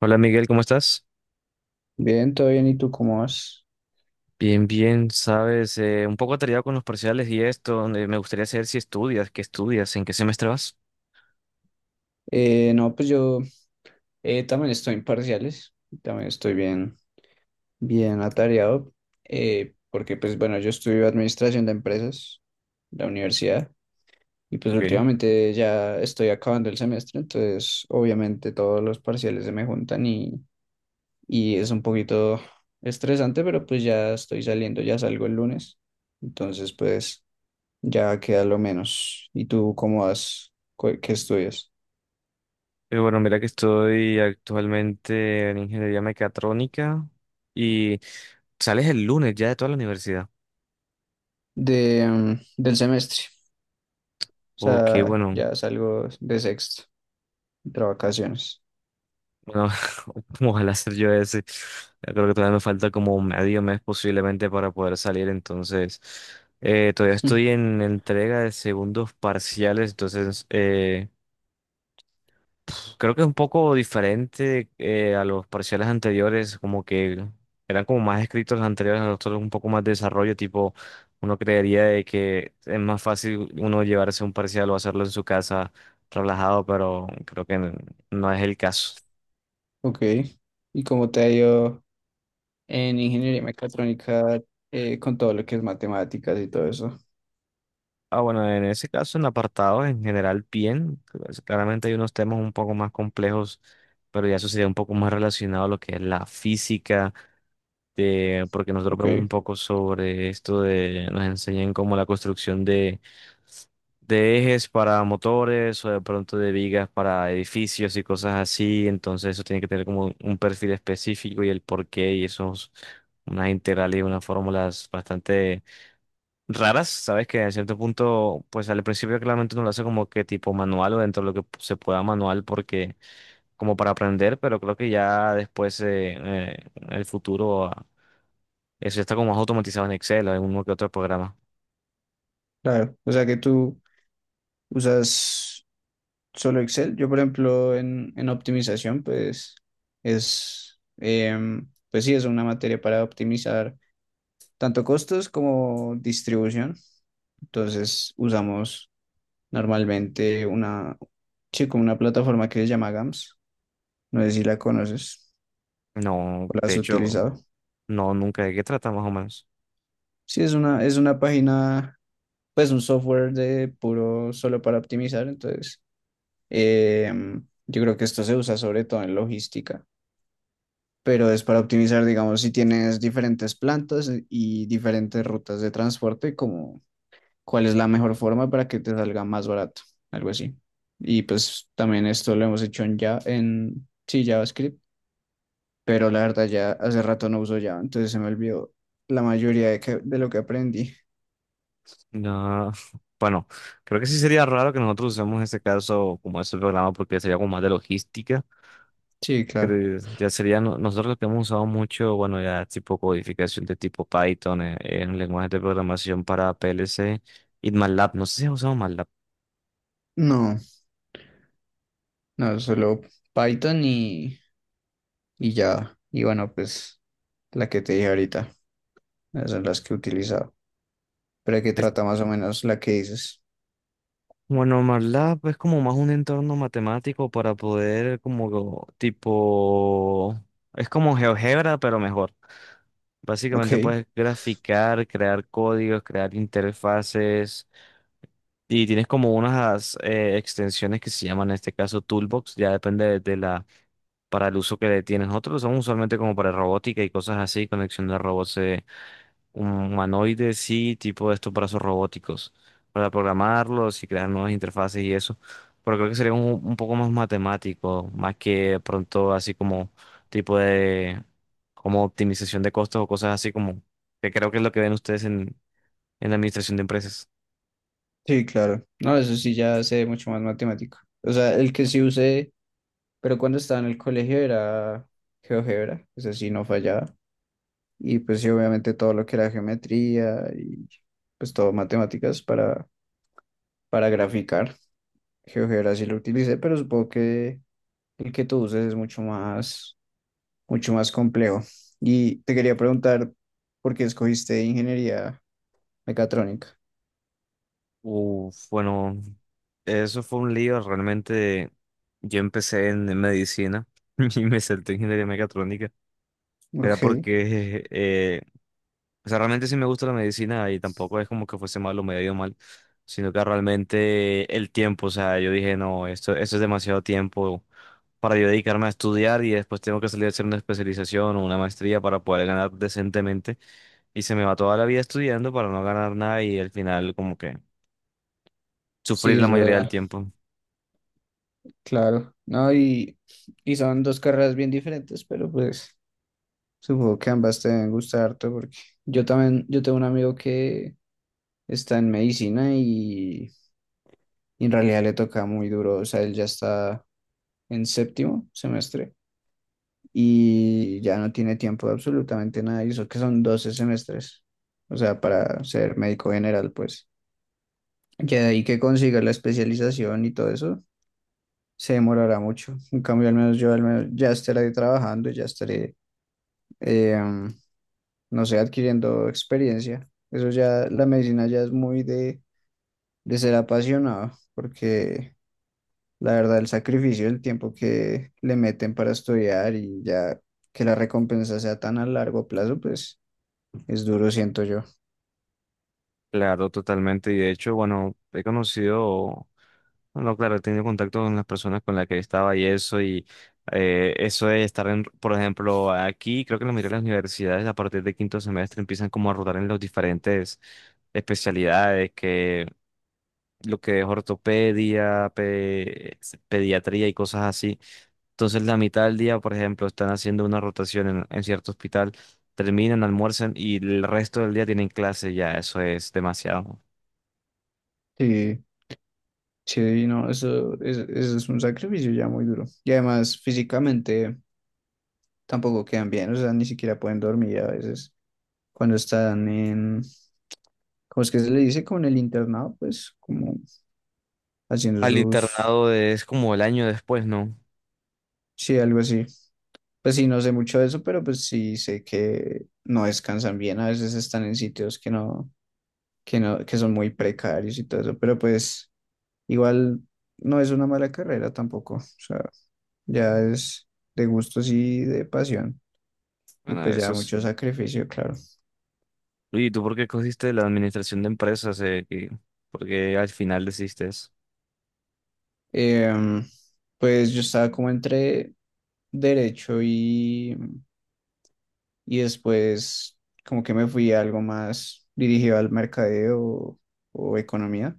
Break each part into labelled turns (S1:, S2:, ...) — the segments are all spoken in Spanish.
S1: Hola Miguel, ¿cómo estás?
S2: Bien, todo bien. ¿Y tú cómo vas?
S1: Bien, bien, sabes, un poco atareado con los parciales y esto, donde me gustaría saber si estudias, qué estudias, en qué semestre vas.
S2: No, pues yo también estoy en parciales, también estoy bien, bien atareado, porque pues bueno, yo estudio administración de empresas, la universidad, y pues
S1: Ok.
S2: últimamente ya estoy acabando el semestre, entonces obviamente todos los parciales se me juntan y es un poquito estresante, pero pues ya estoy saliendo, ya salgo el lunes, entonces pues ya queda lo menos. ¿Y tú cómo vas? ¿Qué estudias?
S1: Bueno, mira que estoy actualmente en ingeniería mecatrónica y sales el lunes ya de toda la universidad.
S2: De, mm, del semestre. O
S1: Ok,
S2: sea,
S1: bueno.
S2: ya salgo de sexto, de vacaciones.
S1: Bueno, ¿cómo ojalá hacer yo ese? Yo creo que todavía me falta como medio mes posiblemente para poder salir, entonces todavía estoy en entrega de segundos parciales, entonces pues, creo que es un poco diferente a los parciales anteriores, como que eran como más escritos los anteriores, los otros un poco más de desarrollo, tipo uno creería de que es más fácil uno llevarse un parcial o hacerlo en su casa relajado, pero creo que no es el caso.
S2: Ok. ¿Y cómo te ha ido en ingeniería mecatrónica con todo lo que es matemáticas y todo eso?
S1: Ah, bueno, en ese caso, en apartados en general, bien. Pues, claramente hay unos temas un poco más complejos, pero ya eso sería un poco más relacionado a lo que es la física, de, porque nosotros
S2: Ok,
S1: vemos un poco sobre esto de, nos enseñan como la construcción de ejes para motores o de pronto de vigas para edificios y cosas así. Entonces eso tiene que tener como un perfil específico y el porqué y esos, unas integrales y unas fórmulas bastante raras, sabes que en cierto punto, pues al principio claramente uno lo hace como que tipo manual o dentro de lo que se pueda manual porque como para aprender, pero creo que ya después en el futuro eso ya está como más automatizado en Excel o en uno que otro programa.
S2: claro. O sea que tú usas solo Excel. Yo, por ejemplo, en optimización, pues es, pues sí, es una materia para optimizar tanto costos como distribución. Entonces usamos normalmente una, sí, como una plataforma que se llama GAMS. No sé si la conoces
S1: No,
S2: o la
S1: de
S2: has
S1: hecho,
S2: utilizado.
S1: no, nunca. ¿De qué trata más o menos?
S2: Sí, es una página, pues un software de puro solo para optimizar. Entonces, yo creo que esto se usa sobre todo en logística, pero es para optimizar, digamos, si tienes diferentes plantas e, y diferentes rutas de transporte, como cuál es la mejor forma para que te salga más barato, algo así. Y pues también esto lo hemos hecho en, ya, en sí, JavaScript, pero la verdad ya hace rato no uso Java, entonces se me olvidó la mayoría de lo que aprendí.
S1: No. Bueno, creo que sí sería raro que nosotros usemos en este caso como ese programa porque sería como más de logística.
S2: Sí, claro.
S1: Creo- ya sería, no- nosotros lo que hemos usado mucho, bueno, ya tipo codificación de tipo Python en, lenguajes de programación para PLC y MATLAB. No sé si has usado MATLAB.
S2: No, no, solo Python y Java. Y bueno, pues la que te dije ahorita, esas son las que he utilizado. Pero que
S1: Es-
S2: trata más o menos la que dices.
S1: bueno, MATLAB es como más un entorno matemático para poder como tipo, es como GeoGebra, pero mejor.
S2: Ok,
S1: Básicamente puedes graficar, crear códigos, crear interfaces. Y tienes como unas extensiones que se llaman en este caso Toolbox, ya depende de la para el uso que le tienen. Otros lo usamos usualmente como para robótica y cosas así, conexión de robots humanoides, sí, tipo de estos brazos robóticos, para programarlos y crear nuevas interfaces y eso. Pero creo que sería un poco más matemático, más que de pronto así como tipo de como optimización de costos o cosas así como que creo que es lo que ven ustedes en la administración de empresas.
S2: sí, claro. No, eso sí ya sé mucho más matemático. O sea, el que sí usé, pero cuando estaba en el colegio era GeoGebra, eso sí no fallaba. Y pues sí, obviamente todo lo que era geometría y pues todo matemáticas para graficar. GeoGebra sí lo utilicé, pero supongo que el que tú uses es mucho más complejo. Y te quería preguntar por qué escogiste ingeniería mecatrónica.
S1: Uf, bueno, eso fue un lío. Realmente yo empecé en medicina y me salté en ingeniería mecatrónica. Era
S2: Ok,
S1: porque, o sea, realmente sí me gusta la medicina y tampoco es como que fuese malo o me haya ido mal, sino que realmente el tiempo, o sea, yo dije, no, esto es demasiado tiempo para yo dedicarme a estudiar y después tengo que salir a hacer una especialización o una maestría para poder ganar decentemente. Y se me va toda la vida estudiando para no ganar nada y al final como que
S2: sí,
S1: sufrir la
S2: es
S1: mayoría del
S2: verdad,
S1: tiempo.
S2: claro. No, y son dos carreras bien diferentes, pero pues supongo que ambas te deben gustar harto porque yo también, yo tengo un amigo que está en medicina y en realidad le toca muy duro, o sea, él ya está en séptimo semestre y ya no tiene tiempo de absolutamente nada, y eso que son 12 semestres, o sea, para ser médico general, pues. Ya de ahí que consiga la especialización y todo eso, se demorará mucho. En cambio, al menos yo al menos ya estaré trabajando, ya estaré, eh, um, no sé, adquiriendo experiencia. Eso ya, la medicina ya es muy de ser apasionado, porque la verdad, el sacrificio, el tiempo que le meten para estudiar y ya que la recompensa sea tan a largo plazo, pues es duro, siento yo.
S1: Claro, totalmente. Y de hecho, bueno, he conocido, bueno, claro, he tenido contacto con las personas con las que estaba y eso de estar en, por ejemplo, aquí, creo que la mayoría de las universidades a partir de quinto semestre empiezan como a rotar en las diferentes especialidades, que lo que es ortopedia, pediatría y cosas así. Entonces, la mitad del día, por ejemplo, están haciendo una rotación en cierto hospital, terminan, almuerzan y el resto del día tienen clase, ya, eso es demasiado.
S2: Sí, sí, no, eso es un sacrificio ya muy duro. Y además, físicamente tampoco quedan bien, o sea, ni siquiera pueden dormir a veces cuando están en, ¿cómo es que se le dice? Como en el internado, pues como haciendo
S1: Al
S2: sus,
S1: internado de- es como el año después, ¿no?
S2: sí, algo así. Pues sí, no sé mucho de eso, pero pues sí sé que no descansan bien, a veces están en sitios que no, que son muy precarios y todo eso, pero pues igual no es una mala carrera tampoco, o sea, ya es de gustos y de pasión y
S1: Bueno,
S2: pues ya
S1: eso
S2: mucho
S1: sí.
S2: sacrificio, claro.
S1: Oye, ¿y tú por qué cogiste la administración de empresas? ¿Por qué al final decidiste eso?
S2: Em, pues yo estaba como entre derecho y después como que me fui a algo más dirigido al mercadeo o economía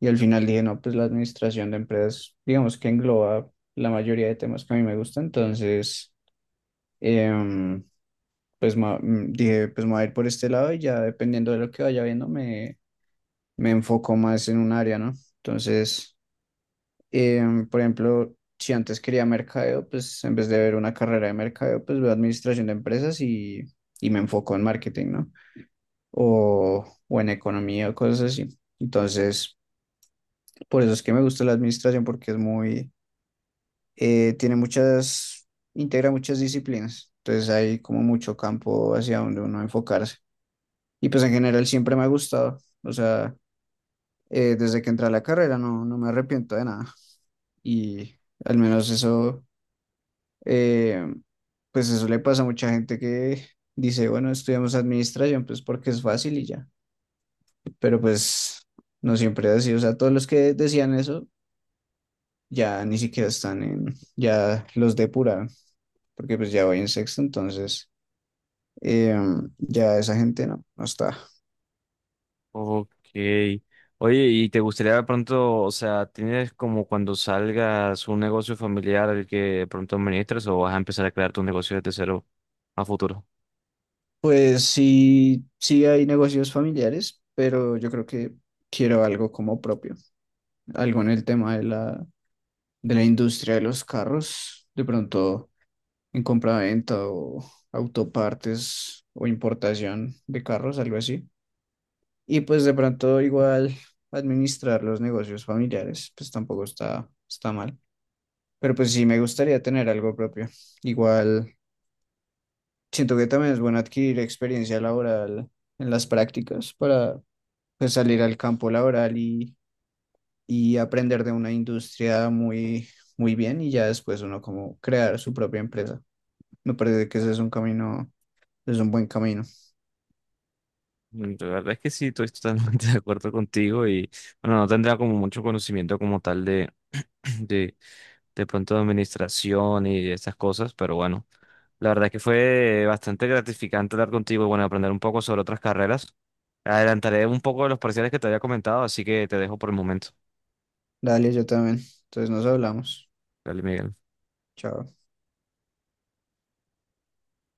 S2: y al final dije, no, pues la administración de empresas, digamos que engloba la mayoría de temas que a mí me gustan, entonces... em, dije, pues me voy a ir por este lado y ya dependiendo de lo que vaya viendo me, me enfoco más en un área, ¿no? Entonces, por ejemplo, si antes quería mercadeo, pues en vez de ver una carrera de mercadeo, pues veo administración de empresas y me enfoco en marketing, ¿no? O en economía o cosas así. Entonces, por eso es que me gusta la administración porque es muy, tiene muchas, integra muchas disciplinas. Entonces hay como mucho campo hacia donde uno enfocarse. Y pues en general siempre me ha gustado. O sea, desde que entré a la carrera no, no me arrepiento de nada. Y al menos eso, eh, pues eso le pasa a mucha gente que dice, bueno, estudiamos administración, pues porque es fácil y ya. Pero pues no siempre es así. O sea, todos los que decían eso ya ni siquiera están en, ya los depuraron, porque pues ya voy en sexto, entonces eh, ya esa gente no, no está.
S1: Ok. Oye, ¿y te gustaría de pronto, o sea, tienes como cuando salgas un negocio familiar el que de pronto administres o vas a empezar a crear tu negocio desde cero a futuro?
S2: Pues sí, sí hay negocios familiares, pero yo creo que quiero algo como propio, algo en el tema de la industria de los carros, de pronto en compraventa o autopartes o importación de carros, algo así. Y pues de pronto igual administrar los negocios familiares, pues tampoco está, está mal, pero pues sí me gustaría tener algo propio. Igual siento que también es bueno adquirir experiencia laboral en las prácticas para pues salir al campo laboral y aprender de una industria muy, muy bien y ya después uno como crear su propia empresa. Me parece que ese es un camino, es un buen camino.
S1: Mm, la verdad es que sí, estoy totalmente de acuerdo contigo y bueno, no tendría como mucho conocimiento como tal de, de, de pronto de administración y de estas cosas, pero bueno. La verdad es que fue bastante gratificante hablar contigo y bueno, aprender un poco sobre otras carreras. Adelantaré un poco de los parciales que te había comentado, así que te dejo por el momento.
S2: Dale, yo también. Entonces nos hablamos.
S1: Dale, Miguel.
S2: Chao.